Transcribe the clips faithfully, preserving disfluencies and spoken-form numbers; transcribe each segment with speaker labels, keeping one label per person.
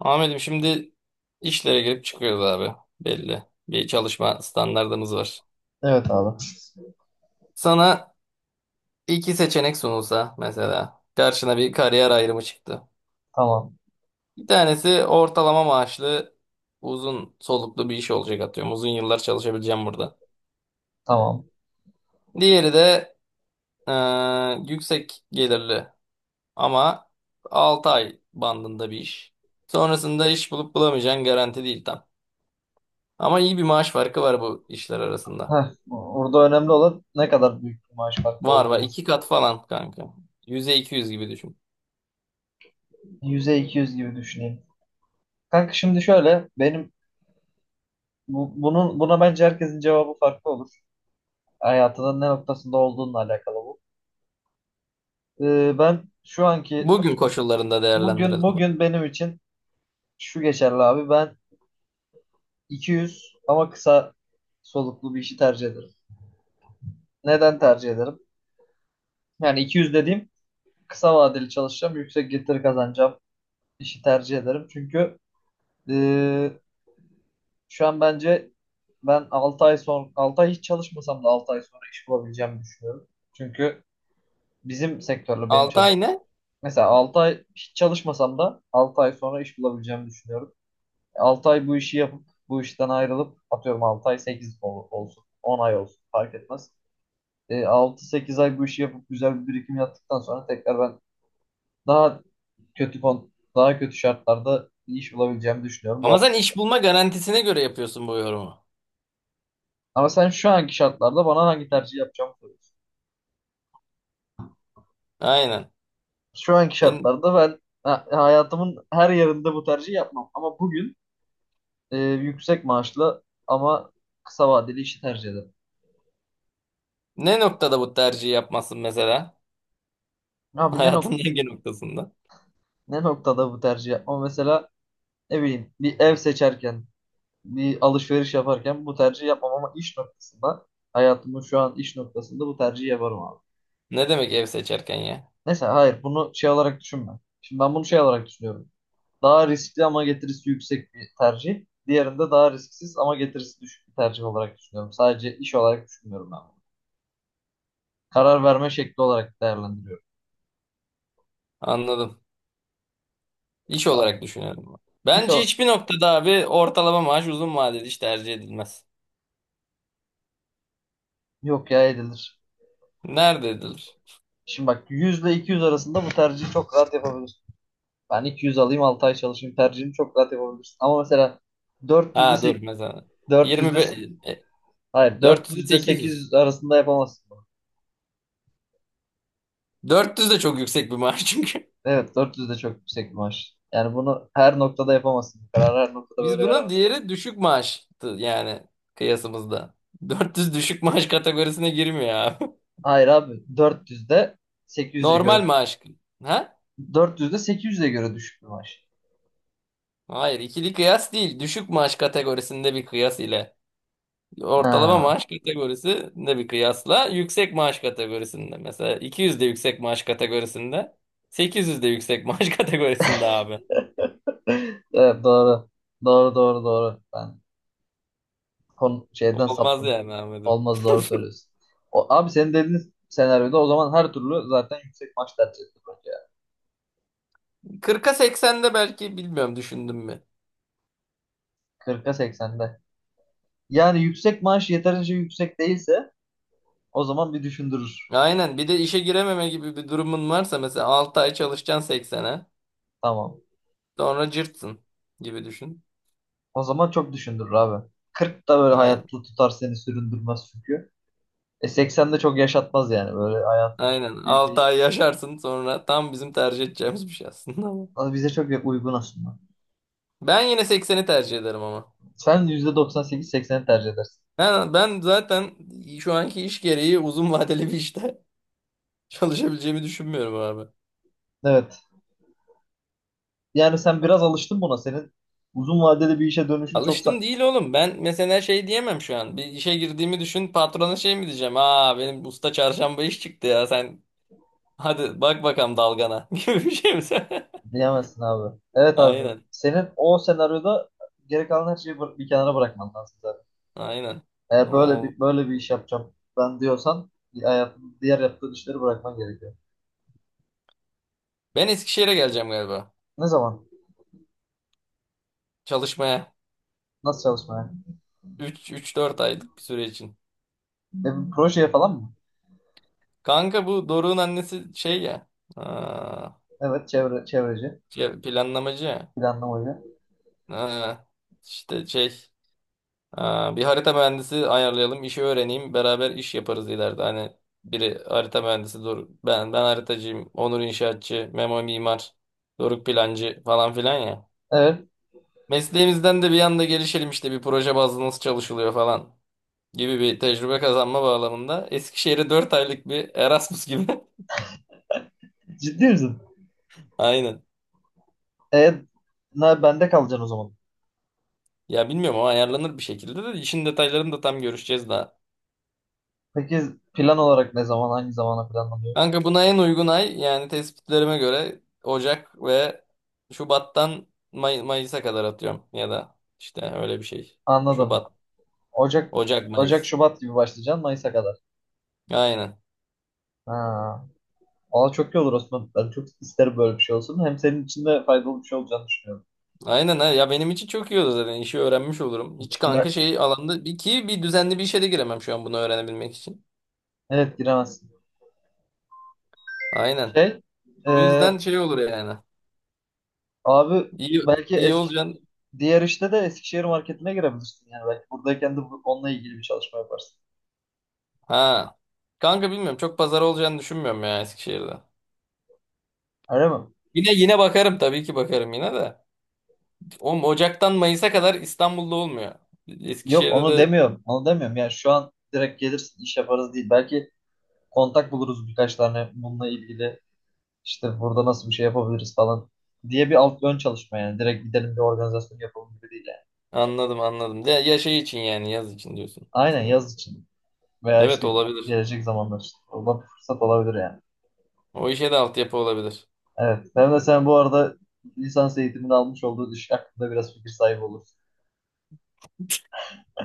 Speaker 1: Ahmet'im şimdi işlere girip çıkıyoruz abi. Belli. Bir çalışma standardımız var.
Speaker 2: Evet abi.
Speaker 1: Sana iki seçenek sunulsa mesela karşına bir kariyer ayrımı çıktı.
Speaker 2: Tamam.
Speaker 1: Bir tanesi ortalama maaşlı uzun soluklu bir iş olacak atıyorum. Uzun yıllar çalışabileceğim burada.
Speaker 2: Tamam.
Speaker 1: Diğeri de eee, yüksek gelirli ama altı ay bandında bir iş. Sonrasında iş bulup bulamayacağın garanti değil tam. Ama iyi bir maaş farkı var bu işler arasında.
Speaker 2: Heh, burada önemli olan ne kadar büyük bir maaş farkı
Speaker 1: Var
Speaker 2: olduğu
Speaker 1: var.
Speaker 2: mesela.
Speaker 1: iki kat falan kanka. Yüze iki yüz gibi düşün.
Speaker 2: yüze iki yüz gibi düşüneyim. Kanka şimdi şöyle benim bu- bunun buna bence herkesin cevabı farklı olur. Hayatının ne noktasında olduğunla alakalı bu. Ee, ben şu anki
Speaker 1: Bugün koşullarında
Speaker 2: bugün
Speaker 1: değerlendirelim bunu.
Speaker 2: bugün benim için şu geçerli abi. Ben iki yüz ama kısa soluklu bir işi tercih ederim. Neden tercih ederim? Yani iki yüz dediğim kısa vadeli çalışacağım, yüksek getiri kazanacağım işi tercih ederim. Çünkü Ee, şu an bence ben altı ay sonra, altı ay hiç çalışmasam da altı ay sonra iş bulabileceğimi düşünüyorum. Çünkü bizim sektörle benim
Speaker 1: Altı
Speaker 2: çalış
Speaker 1: ay ne?
Speaker 2: Mesela altı ay hiç çalışmasam da altı ay sonra iş bulabileceğimi düşünüyorum. altı ay bu işi yapıp bu işten ayrılıp atıyorum altı ay, sekiz olsun, on ay olsun fark etmez. Ee, altı sekiz ay bu işi yapıp güzel bir birikim yaptıktan sonra tekrar ben daha kötü kon daha kötü şartlarda bir iş bulabileceğimi düşünüyorum.
Speaker 1: Ama
Speaker 2: Bu-
Speaker 1: sen iş bulma garantisine göre yapıyorsun bu yorumu.
Speaker 2: Ama sen şu anki şartlarda bana hangi tercih yapacağımı soruyorsun.
Speaker 1: Aynen.
Speaker 2: Şu anki
Speaker 1: Sen
Speaker 2: şartlarda ben ha- hayatımın her yerinde bu tercihi yapmam. Ama bugün e, yüksek maaşlı ama kısa vadeli işi tercih ederim.
Speaker 1: ne noktada bu tercihi yapmazsın mesela?
Speaker 2: Abi ne
Speaker 1: Hayatın
Speaker 2: nok
Speaker 1: hangi noktasında?
Speaker 2: ne noktada bu tercih yapmam? Mesela ne bileyim bir ev seçerken, bir alışveriş yaparken bu tercihi yapmam ama iş noktasında, hayatımın şu an iş noktasında bu tercihi yaparım abi.
Speaker 1: Ne demek ev seçerken ya?
Speaker 2: Neyse, hayır, bunu şey olarak düşünme. Şimdi ben bunu şey olarak düşünüyorum. Daha riskli ama getirisi yüksek bir tercih. Diğerinde daha risksiz ama getirisi düşük bir tercih olarak düşünüyorum. Sadece iş olarak düşünmüyorum ben bunu. Karar verme şekli olarak değerlendiriyorum.
Speaker 1: Anladım. İş
Speaker 2: Ha,
Speaker 1: olarak düşünüyorum ben.
Speaker 2: iş
Speaker 1: Bence
Speaker 2: ol-
Speaker 1: hiçbir noktada abi ortalama maaş uzun vadeli iş tercih edilmez.
Speaker 2: yok ya, edilir.
Speaker 1: Nerede edilir?
Speaker 2: Şimdi bak, yüz ile iki yüz arasında bu tercihi çok rahat yapabilirsin. Ben iki yüz alayım, altı ay çalışayım tercihini çok rahat yapabilirsin. Ama mesela dört yüzde
Speaker 1: Ha dur
Speaker 2: sek-
Speaker 1: mesela.
Speaker 2: dört yüzde
Speaker 1: yirmi beş, e,
Speaker 2: hayır, dört
Speaker 1: dört yüz ile
Speaker 2: yüzde
Speaker 1: sekiz yüz.
Speaker 2: sekiz arasında yapamazsın bunu.
Speaker 1: dört yüz de çok yüksek bir maaş çünkü.
Speaker 2: Evet, dört yüzde çok yüksek bir maaş. Yani bunu her noktada yapamazsın. Bu kararı her noktada
Speaker 1: Biz
Speaker 2: böyle
Speaker 1: buna
Speaker 2: veremezsin.
Speaker 1: diğeri düşük maaştı yani kıyasımızda. dört yüz düşük maaş kategorisine girmiyor abi.
Speaker 2: Hayır abi, 400'de 800'e
Speaker 1: Normal
Speaker 2: göre
Speaker 1: maaş. Ha?
Speaker 2: dört yüzde sekiz yüze göre düşük bir maaş.
Speaker 1: Hayır, ikili kıyas değil. Düşük maaş kategorisinde bir kıyas ile ortalama
Speaker 2: Ha.
Speaker 1: maaş kategorisinde bir kıyasla yüksek maaş kategorisinde. Mesela iki yüz de yüksek maaş kategorisinde, sekiz yüz de yüksek maaş kategorisinde abi.
Speaker 2: Evet, doğru. Doğru, doğru, doğru. Ben konu şeyden
Speaker 1: Olmaz
Speaker 2: saptım.
Speaker 1: yani Ahmet'im.
Speaker 2: Olmaz, doğru söylüyorsun. O, abi senin dediğin senaryoda o zaman her türlü zaten yüksek maaş tercih edilir bence ya.
Speaker 1: kırka seksende belki bilmiyorum düşündüm mü?
Speaker 2: kırka seksende. Yani yüksek maaş yeterince yüksek değilse o zaman bir düşündürür.
Speaker 1: Aynen bir de işe girememe gibi bir durumun varsa mesela altı ay çalışacaksın seksene,
Speaker 2: Tamam.
Speaker 1: sonra cırtsın gibi düşün.
Speaker 2: O zaman çok düşündürür abi. Kırk da böyle hayatta
Speaker 1: Aynen.
Speaker 2: tutar seni, süründürmez çünkü. E seksen de çok yaşatmaz yani. Böyle hayatında çok
Speaker 1: Aynen
Speaker 2: büyük
Speaker 1: altı
Speaker 2: değiş.
Speaker 1: ay yaşarsın sonra tam bizim tercih edeceğimiz bir şey aslında ama.
Speaker 2: Ama bize çok uygun aslında.
Speaker 1: Ben yine sekseni tercih ederim ama.
Speaker 2: Sen yüzde doksan sekiz sekseni tercih edersin.
Speaker 1: Ben, ben zaten şu anki iş gereği uzun vadeli bir işte çalışabileceğimi düşünmüyorum abi.
Speaker 2: Evet. Yani sen biraz alıştın buna. Senin uzun vadede bir işe dönüşün çok
Speaker 1: Alıştım
Speaker 2: sa-.
Speaker 1: değil oğlum. Ben mesela şey diyemem şu an. Bir işe girdiğimi düşün patrona şey mi diyeceğim? Aa, benim usta çarşamba iş çıktı ya sen, hadi bak bakalım dalgana gibi bir şey mi?
Speaker 2: Diyemezsin abi. Evet abi.
Speaker 1: Aynen.
Speaker 2: Senin o senaryoda geri kalan her şeyi bı- bir kenara bırakman lazım zaten.
Speaker 1: Aynen. Ne
Speaker 2: Eğer böyle
Speaker 1: oldu?
Speaker 2: bir, böyle bir iş yapacağım ben diyorsan, hayatın diğer yaptığın işleri bırakman gerekiyor.
Speaker 1: Ben Eskişehir'e geleceğim galiba.
Speaker 2: Ne zaman?
Speaker 1: Çalışmaya.
Speaker 2: Nasıl çalışmaya?
Speaker 1: üç, üç dört aylık bir süre için.
Speaker 2: E, bir projeye falan mı?
Speaker 1: Kanka bu Doruk'un annesi şey ya. Aa,
Speaker 2: Evet, çevre, çevreci.
Speaker 1: şey, planlamacı ya.
Speaker 2: Planlamacı.
Speaker 1: Aa, işte şey. Aa, bir harita mühendisi ayarlayalım, işi öğreneyim, beraber iş yaparız ileride. Hani biri harita mühendisi, Doruk, ben ben haritacıyım, Onur inşaatçı, Memo mimar, Doruk plancı falan filan ya.
Speaker 2: Evet.
Speaker 1: Mesleğimizden de bir anda gelişelim işte bir proje bazlı nasıl çalışılıyor falan. Gibi bir tecrübe kazanma bağlamında Eskişehir'e dört aylık bir Erasmus gibi.
Speaker 2: Ciddi misin?
Speaker 1: Aynen.
Speaker 2: E, na, Bende kalacaksın o zaman.
Speaker 1: Ya bilmiyorum o ayarlanır bir şekilde de işin detaylarını da tam görüşeceğiz daha.
Speaker 2: Peki, plan olarak ne zaman, hangi zamana planlanıyor?
Speaker 1: Kanka buna en uygun ay yani tespitlerime göre Ocak ve Şubat'tan May- Mayıs'a kadar atıyorum ya da işte öyle bir şey.
Speaker 2: Anladım.
Speaker 1: Şubat,
Speaker 2: Ocak.
Speaker 1: Ocak,
Speaker 2: Ocak,
Speaker 1: Mayıs.
Speaker 2: Şubat gibi başlayacaksın Mayıs'a kadar.
Speaker 1: Aynen.
Speaker 2: Ha. Valla çok iyi olur Osman. Ben çok isterim böyle bir şey olsun. Hem senin için de faydalı bir şey olacağını düşünüyorum.
Speaker 1: Aynen ha. Ya benim için çok iyi olur zaten. İşi öğrenmiş olurum. Hiç kanka
Speaker 2: Ben-
Speaker 1: şey alanda bir ki bir düzenli bir işe de giremem şu an bunu öğrenebilmek için.
Speaker 2: evet, giremezsin.
Speaker 1: Aynen.
Speaker 2: Şey, e,
Speaker 1: Bu yüzden şey olur yani.
Speaker 2: Abi,
Speaker 1: İyi,
Speaker 2: belki
Speaker 1: iyi
Speaker 2: eski,
Speaker 1: olacaksın.
Speaker 2: diğer işte de Eskişehir marketine girebilirsin. Yani belki buradayken de bu- onunla ilgili bir çalışma yaparsın.
Speaker 1: Ha. Kanka bilmiyorum. Çok pazar olacağını düşünmüyorum ya Eskişehir'de.
Speaker 2: Öyle mi?
Speaker 1: Yine yine bakarım tabii ki bakarım yine de. Oğlum Ocak'tan Mayıs'a kadar İstanbul'da olmuyor.
Speaker 2: Yok,
Speaker 1: Eskişehir'de
Speaker 2: onu
Speaker 1: de.
Speaker 2: demiyorum. Onu demiyorum. Yani şu an direkt gelirsin, iş yaparız değil. Belki kontak buluruz birkaç tane, bununla ilgili işte burada nasıl bir şey yapabiliriz falan diye bir alt ön çalışma yani. Direkt gidelim bir organizasyon yapalım gibi değil yani.
Speaker 1: Anladım, anladım. Ya, ya şey için yani yaz için diyorsun
Speaker 2: Aynen,
Speaker 1: mesela.
Speaker 2: yaz için veya
Speaker 1: Evet
Speaker 2: işte
Speaker 1: olabilir.
Speaker 2: gelecek zamanlar için. Oradan bir fırsat olabilir yani.
Speaker 1: O işe de altyapı olabilir.
Speaker 2: Evet. Hem de sen bu arada lisans eğitimini almış olduğun iş hakkında biraz fikir sahibi olursun.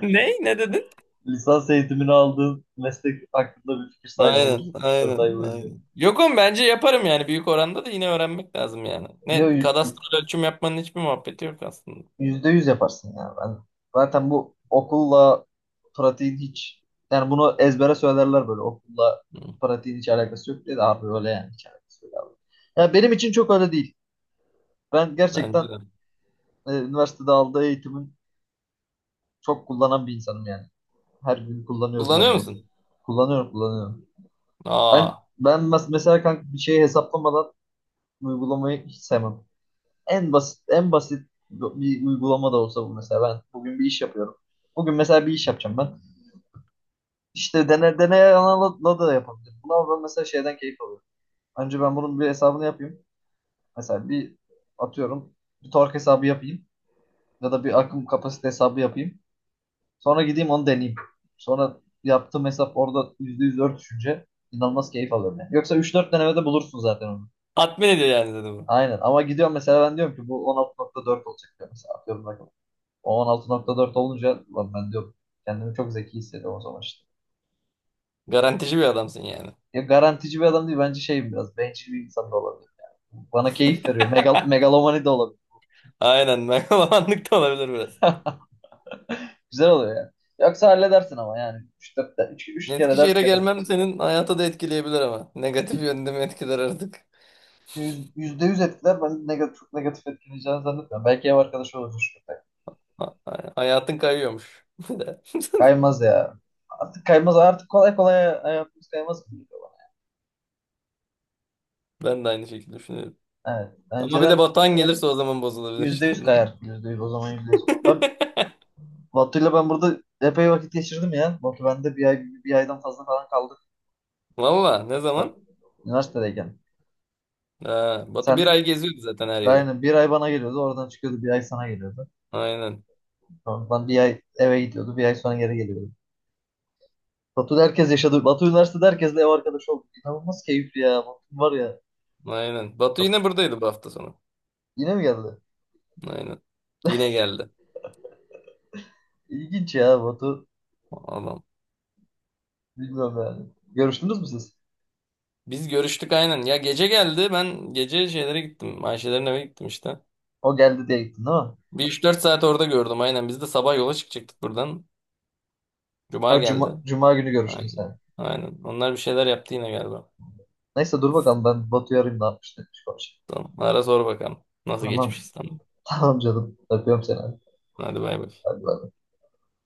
Speaker 1: Ne? Ne dedin?
Speaker 2: Lisans eğitimini aldığın meslek hakkında bir fikir sahibi
Speaker 1: Aynen,
Speaker 2: olursun. üç dört ay
Speaker 1: aynen,
Speaker 2: boyunca.
Speaker 1: aynen. Yok oğlum bence yaparım yani büyük oranda da yine öğrenmek lazım yani. Ne
Speaker 2: Niye
Speaker 1: kadastral ölçüm yapmanın hiçbir muhabbeti yok aslında.
Speaker 2: Yüzde yüz yaparsın yani. Ben zaten bu okulla pratiğin hiç, yani bunu ezbere söylerler, böyle okulla
Speaker 1: Hı,
Speaker 2: pratiğin hiç alakası yok diye, de abi öyle yani, hiç alakası yok abi. Ya benim için çok öyle değil. Ben
Speaker 1: bence
Speaker 2: gerçekten
Speaker 1: de.
Speaker 2: e, üniversitede aldığı eğitimin çok kullanan bir insanım yani. Her gün kullanıyorum
Speaker 1: Kullanıyor
Speaker 2: neredeyse.
Speaker 1: musun?
Speaker 2: Kullanıyorum, kullanıyorum. Ben
Speaker 1: Aa.
Speaker 2: ben mes- mesela kanka, bir şeyi hesaplamadan uygulamayı hiç sevmem. En basit, en basit bir uygulama da olsa bu. Mesela ben bugün bir iş yapıyorum. Bugün mesela bir iş yapacağım ben. İşte dene, deneye yanıla da yapabilir. Buna ben mesela şeyden keyif alıyorum. Önce ben bunun bir hesabını yapayım. Mesela bir atıyorum bir tork hesabı yapayım ya da bir akım kapasite hesabı yapayım. Sonra gideyim onu deneyeyim. Sonra yaptığım hesap orada yüzde yüz örtüşünce inanılmaz keyif alıyorum yani. Yoksa üç dört denemede bulursun zaten onu.
Speaker 1: Tatmin ediyor yani dedi bu.
Speaker 2: Aynen, ama gidiyorum mesela, ben diyorum ki bu on altı nokta dört olacak diyorum, mesela atıyorum, bakalım. O on altı nokta dört olunca, "Ulan," ben diyorum, kendimi çok zeki hissediyorum o zaman işte.
Speaker 1: Garantici bir adamsın yani.
Speaker 2: Ya, garantici bir adam değil. Bence şey, biraz bencil bir insan da olabilir. Yani. Bana keyif veriyor. Megal megalomani de olabilir.
Speaker 1: Aynen, megalomanlık da olabilir biraz.
Speaker 2: Güzel oluyor yani. Yoksa halledersin ama yani. üç üç, üç kere, dört
Speaker 1: Eskişehir'e
Speaker 2: kere.
Speaker 1: gelmem senin hayata da etkileyebilir ama. Negatif yönde mi etkiler artık?
Speaker 2: Yüz- yüzde yüz etkiler. Ben negatif, çok negatif etkileyeceğini zannetmiyorum. Belki ev arkadaşı olur üç köpek.
Speaker 1: Ha- ha- Hayatın kayıyormuş. Bir de.
Speaker 2: Kaymaz ya. Artık kaymaz. Artık kolay kolay hayatımız kaymaz gibi geliyor
Speaker 1: Ben de aynı şekilde düşünüyorum.
Speaker 2: bana. Evet.
Speaker 1: Ama bir de
Speaker 2: Önceden
Speaker 1: Batuhan gelirse o zaman bozulabilir
Speaker 2: yüzde
Speaker 1: işte.
Speaker 2: yüz kayar. Yüzde yüz o zaman, yüzde yüz. Ben Batu'yla ben burada epey vakit geçirdim ya. Batu bende bir ay, bir aydan fazla falan kaldık.
Speaker 1: Valla ne zaman?
Speaker 2: Üniversitedeyken.
Speaker 1: Ha, Batu
Speaker 2: Sen
Speaker 1: bir
Speaker 2: de
Speaker 1: ay geziyordu zaten her yeri.
Speaker 2: aynen, bir ay bana geliyordu. Oradan çıkıyordu, bir ay sana geliyordu.
Speaker 1: Aynen.
Speaker 2: Sonra Ben bir ay eve gidiyordu. Bir ay sonra geri geliyordu. Batu'da herkes yaşadı. Batu Üniversitesi'de herkesle ev arkadaşı oldu. İnanılmaz keyifli ya. Batu var ya.
Speaker 1: Aynen. Batu
Speaker 2: Çok.
Speaker 1: yine buradaydı bu hafta sonu.
Speaker 2: Yine mi geldi?
Speaker 1: Aynen. Yine geldi.
Speaker 2: İlginç ya Batu.
Speaker 1: Adam.
Speaker 2: Bilmiyorum yani. Görüştünüz mü siz?
Speaker 1: Biz görüştük aynen. Ya gece geldi. Ben gece şeylere gittim. Ayşelerin eve gittim işte.
Speaker 2: O geldi diye gittin değil mi?
Speaker 1: Bir üç dört saat orada gördüm aynen. Biz de sabah yola çıkacaktık buradan. Cuma
Speaker 2: Her
Speaker 1: geldi.
Speaker 2: cuma, cuma günü görüştünüz
Speaker 1: Aynen.
Speaker 2: yani.
Speaker 1: Aynen. Onlar bir şeyler yaptı yine galiba.
Speaker 2: Neyse, dur bakalım, ben Batu'yu arayayım ne yapmış, demiş.
Speaker 1: Tamam. Ara sor bakalım. Nasıl geçmiş
Speaker 2: Tamam.
Speaker 1: İstanbul?
Speaker 2: Tamam canım. Öpüyorum seni.
Speaker 1: Hadi bay bay.
Speaker 2: Hadi, bay.